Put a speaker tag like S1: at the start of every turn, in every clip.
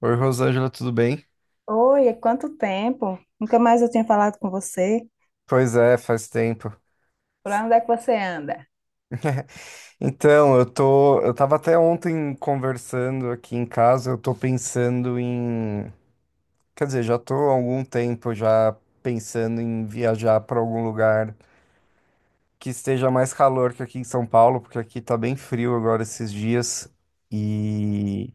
S1: Oi, Rosângela, tudo bem?
S2: Oi, quanto tempo? Nunca mais eu tinha falado com você.
S1: Pois é, faz tempo.
S2: Por onde é que você anda?
S1: Então, eu tava até ontem conversando aqui em casa, eu tô pensando em, quer dizer, já tô há algum tempo já pensando em viajar para algum lugar que esteja mais calor que aqui em São Paulo, porque aqui tá bem frio agora esses dias. E,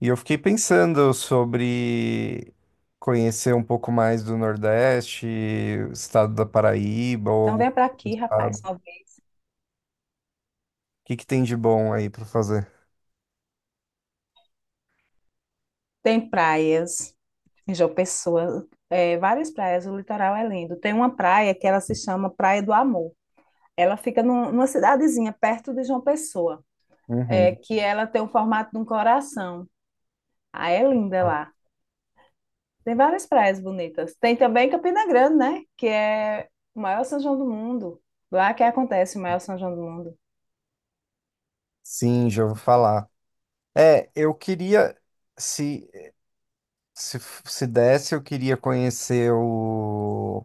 S1: e eu fiquei pensando sobre conhecer um pouco mais do Nordeste, o estado da Paraíba ou
S2: Então
S1: algum
S2: vem pra aqui, rapaz.
S1: que tem de bom aí pra fazer?
S2: Tem praias em João Pessoa, várias praias, o litoral é lindo. Tem uma praia que ela se chama Praia do Amor. Ela fica numa cidadezinha perto de João Pessoa,
S1: Uhum.
S2: que ela tem o formato de um coração. Ah, é linda lá. Tem várias praias bonitas. Tem também Campina Grande, né? Que é o maior São João do mundo. Lá que acontece o maior São João do mundo.
S1: Sim, já vou falar. É, eu queria, se, se, se desse, eu queria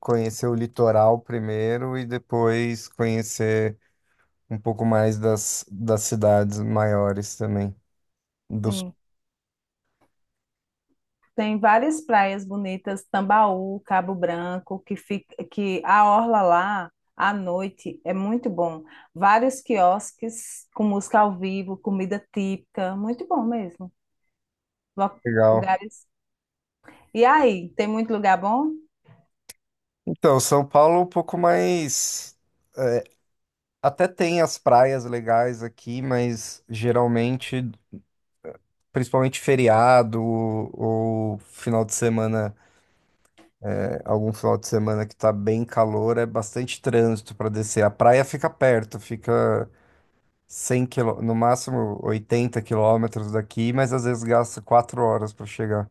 S1: conhecer o litoral primeiro e depois conhecer um pouco mais das cidades maiores também, do sul.
S2: Sim. Tem várias praias bonitas, Tambaú, Cabo Branco, que a orla lá à noite é muito bom. Vários quiosques com música ao vivo, comida típica, muito bom mesmo. Lo-
S1: Legal.
S2: Lugares. E aí, tem muito lugar bom?
S1: Então, São Paulo é um pouco mais. É, até tem as praias legais aqui, mas geralmente, principalmente feriado ou final de semana, é, algum final de semana que tá bem calor, é bastante trânsito para descer. A praia fica perto, fica 100 quilô, no máximo 80 quilômetros daqui, mas às vezes gasta 4 horas para chegar.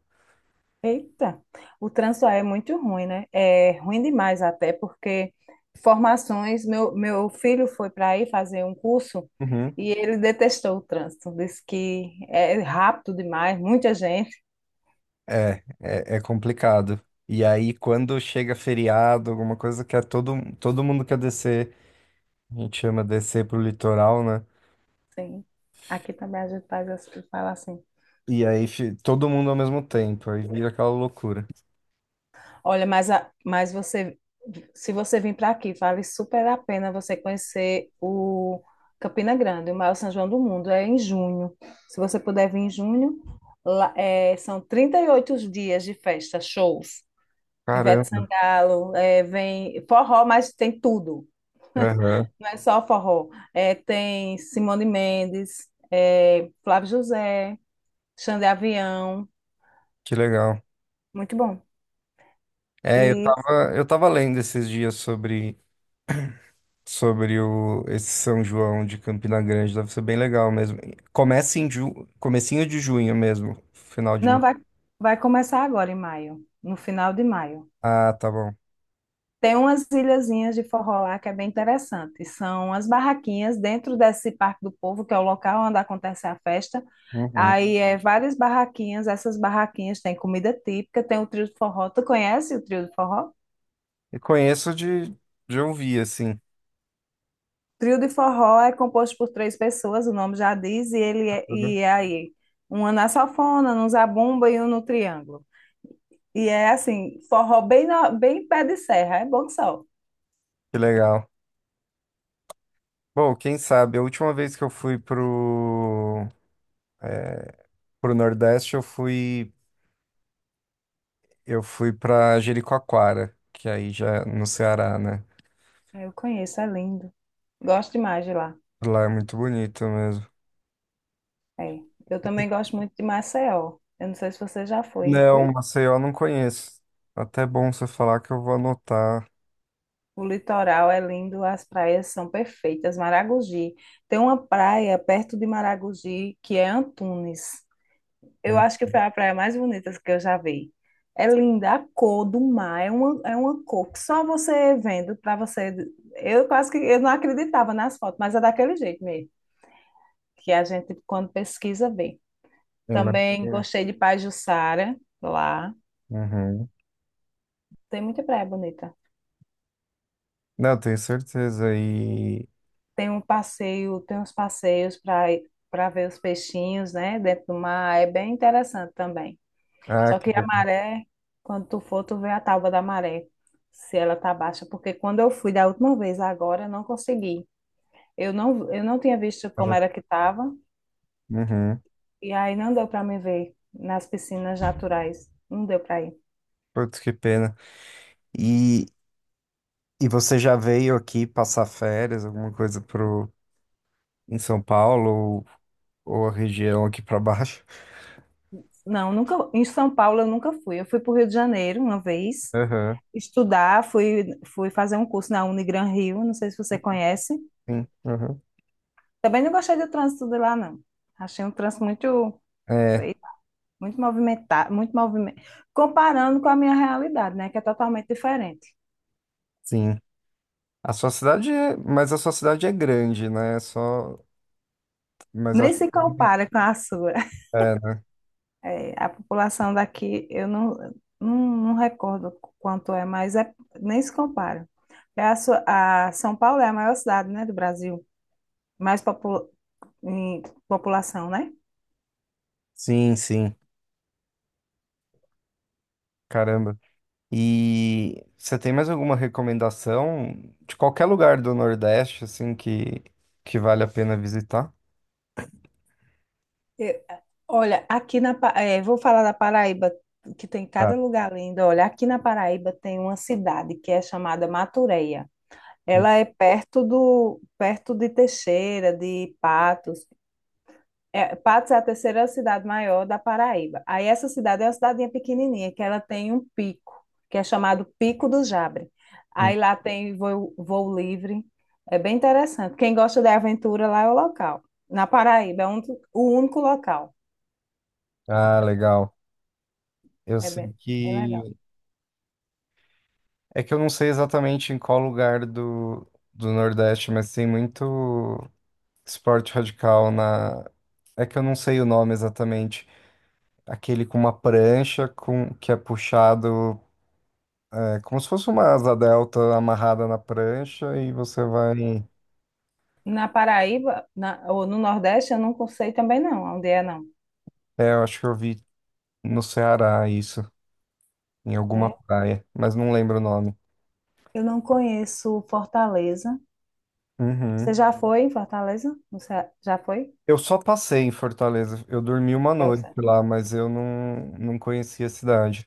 S2: Eita, o trânsito aí é muito ruim, né? É ruim demais até porque formações, meu filho foi para aí fazer um curso
S1: Uhum.
S2: e ele detestou o trânsito, disse que é rápido demais, muita gente.
S1: É complicado. E aí, quando chega feriado, alguma coisa que é todo mundo quer descer, a gente chama descer pro litoral, né?
S2: Sim. Aqui também a gente fala assim.
S1: E aí, todo mundo ao mesmo tempo, aí vira aquela loucura.
S2: Olha, mas você, se você vir para aqui, vale super a pena você conhecer o Campina Grande, o maior São João do mundo. É em junho. Se você puder vir em junho, lá, é, são 38 dias de festa, shows. Ivete
S1: Caramba.
S2: Sangalo, é, vem forró, mas tem tudo. Não é só forró. É, tem Simone Mendes, é, Flávio José, Xande Avião.
S1: Que legal.
S2: Muito bom.
S1: É,
S2: E
S1: eu tava lendo esses dias sobre esse São João de Campina Grande, deve ser bem legal mesmo. Começa em comecinho de junho mesmo, final de
S2: Não,
S1: maio.
S2: vai, vai começar agora em maio, no final de maio.
S1: Ah, tá bom.
S2: Tem umas ilhazinhas de forró lá que é bem interessante. São as barraquinhas dentro desse Parque do Povo, que é o local onde acontece a festa.
S1: Uhum.
S2: Aí é várias barraquinhas, essas barraquinhas têm comida típica, tem o trio de forró. Tu conhece o trio de forró?
S1: E conheço de ouvir, assim.
S2: Trio de forró é composto por três pessoas, o nome já diz, e ele é, e
S1: Uhum.
S2: é aí uma na sanfona, um zabumba e um no triângulo. E é assim, bem pé de serra, é bom que só.
S1: Que legal. Bom, quem sabe, a última vez que eu fui é, pro Nordeste, eu fui pra Jericoacoara, que aí já é no Ceará, né?
S2: Ah, eu conheço, é lindo. Gosto demais de lá.
S1: Lá é muito bonito mesmo.
S2: É. Eu também gosto muito de Maceió. Eu não sei se você já foi.
S1: Não,
S2: Foi?
S1: Maceió eu não conheço. Até bom você falar, que eu vou anotar.
S2: O litoral é lindo, as praias são perfeitas. Maragogi. Tem uma praia perto de Maragogi que é Antunes. Eu
S1: Hum.
S2: acho que foi a praia mais bonita que eu já vi. É linda, a cor do mar é uma cor que só você vendo para você. Eu quase que eu não acreditava nas fotos, mas é daquele jeito mesmo, que a gente, quando pesquisa, vê. Também
S1: Imagina.
S2: gostei de Pajuçara, lá.
S1: Uhum.
S2: Tem muita praia bonita.
S1: Não, eu tenho certeza. E...
S2: Tem um passeio, tem uns passeios para ver os peixinhos, né, dentro do mar. É bem interessante também.
S1: Ah,
S2: Só
S1: que
S2: que a
S1: legal.
S2: maré, quando tu for, tu vê a tábua da maré, se ela tá baixa, porque quando eu fui da última vez, agora eu não consegui. Eu não tinha visto como era que tava
S1: Uhum.
S2: e aí não deu para me ver nas piscinas naturais. Não deu para ir.
S1: Putz, que pena. E, e você já veio aqui passar férias, alguma coisa pro... em São Paulo ou a região aqui pra baixo?
S2: Não, nunca em São Paulo eu nunca fui. Eu fui para o Rio de Janeiro uma vez.
S1: Aham.
S2: Estudar, fui fazer um curso na Unigran Rio, não sei se você conhece.
S1: Sim. Uhum.
S2: Também não gostei do trânsito de lá, não. Achei um trânsito
S1: É,
S2: sei lá, muito movimentado, muito movimento. Comparando com a minha realidade, né, que é totalmente diferente.
S1: sim. A sua cidade é... Mas a sua cidade é grande, né? É só... Mas
S2: Nem
S1: acho
S2: se
S1: que...
S2: compara com a sua.
S1: É, né?
S2: É, a população daqui, eu não, não, não recordo quanto é, mas é, nem se compara. É a São Paulo é a maior cidade, né, do Brasil, mais popu- em população, né?
S1: Sim, sim. Caramba. E você tem mais alguma recomendação de qualquer lugar do Nordeste, assim, que vale a pena visitar?
S2: Eu- olha, aqui na, Pa- eh, vou falar da Paraíba, que tem
S1: Ah,
S2: cada lugar lindo. Olha, aqui na Paraíba tem uma cidade que é chamada Matureia.
S1: sim,
S2: Ela é perto de Teixeira, de Patos. É, Patos é a terceira cidade maior da Paraíba. Aí essa cidade é uma cidadinha pequenininha, que ela tem um pico, que é chamado Pico do Jabre.
S1: sim.
S2: Aí lá tem voo livre. É bem interessante. Quem gosta de aventura lá é o local. Na Paraíba, o único local.
S1: Ah, legal. Eu
S2: É
S1: sei
S2: bem, bem legal.
S1: que. É que eu não sei exatamente em qual lugar do Nordeste, mas tem muito esporte radical na. É que eu não sei o nome exatamente. Aquele com uma prancha com que é puxado, é, como se fosse uma asa delta amarrada na prancha e você vai.
S2: Na Paraíba, ou no Nordeste, eu não sei também não, onde é não.
S1: É, eu acho que eu vi no Ceará, isso. Em alguma
S2: É.
S1: praia, mas não lembro o nome.
S2: Eu não conheço Fortaleza. Você
S1: Uhum.
S2: já foi em Fortaleza? Você já foi?
S1: Eu só passei em Fortaleza. Eu dormi uma noite lá, mas eu não conhecia a cidade.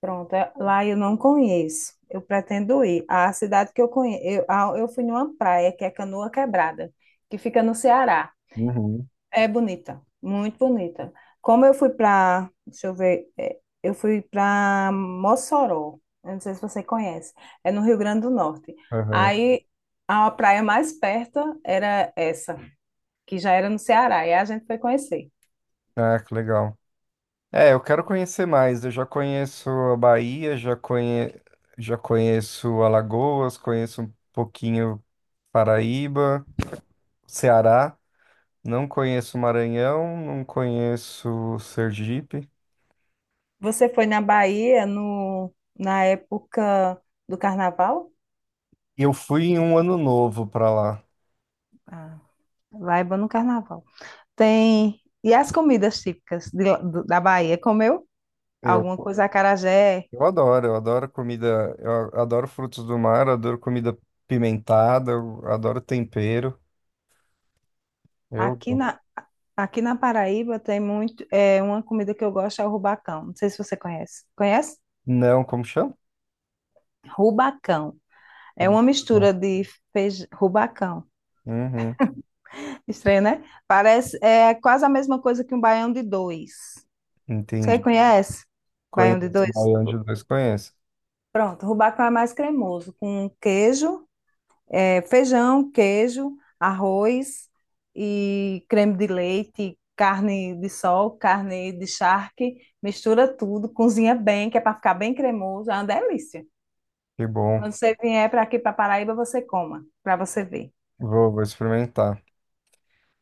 S2: Pronto, lá eu não conheço. Eu pretendo ir. A cidade que eu conheço, eu fui numa praia que é Canoa Quebrada, que fica no Ceará.
S1: Uhum.
S2: É bonita, muito bonita. Como eu fui para, deixa eu ver, é, eu fui para Mossoró. Eu não sei se você conhece. É no Rio Grande do Norte.
S1: Aham.
S2: Aí a praia mais perto era essa, que já era no Ceará, e a gente foi conhecer.
S1: Ah, que legal. É, eu quero conhecer mais. Eu já conheço a Bahia, já já conheço Alagoas, conheço um pouquinho Paraíba, Ceará. Não conheço Maranhão, não conheço Sergipe.
S2: Você foi na Bahia no, na época do carnaval?
S1: Eu fui em um ano novo pra lá.
S2: Ah, vaiba no carnaval. Tem. E as comidas típicas da Bahia? Comeu
S1: Eu
S2: alguma coisa? Acarajé.
S1: Eu adoro comida, adoro frutos do mar, eu adoro comida pimentada, eu adoro tempero. Eu
S2: Aqui na, aqui na Paraíba tem muito. É, uma comida que eu gosto é o rubacão. Não sei se você conhece. Conhece?
S1: não, como chama?
S2: Rubacão. É uma mistura de feijão. Rubacão.
S1: Uhum,
S2: Estranho, né? Parece. É quase a mesma coisa que um baião de dois. Você
S1: entendi.
S2: conhece? Baião de
S1: Conheço,
S2: dois?
S1: Baião de dois conheço.
S2: Pronto, o rubacão é mais cremoso, com queijo. É, feijão, queijo, arroz e creme de leite, carne de sol, carne de charque, mistura tudo, cozinha bem, que é para ficar bem cremoso, é uma delícia.
S1: Que bom.
S2: Quando você vier para aqui para Paraíba, você coma, para você ver.
S1: Vou, vou experimentar.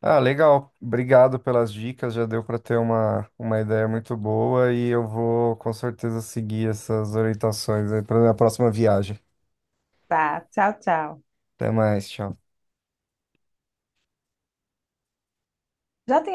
S1: Ah, legal. Obrigado pelas dicas. Já deu para ter uma ideia muito boa e eu vou com certeza seguir essas orientações aí para minha próxima viagem.
S2: Tá, tchau, tchau.
S1: Até mais, tchau.
S2: Já tinha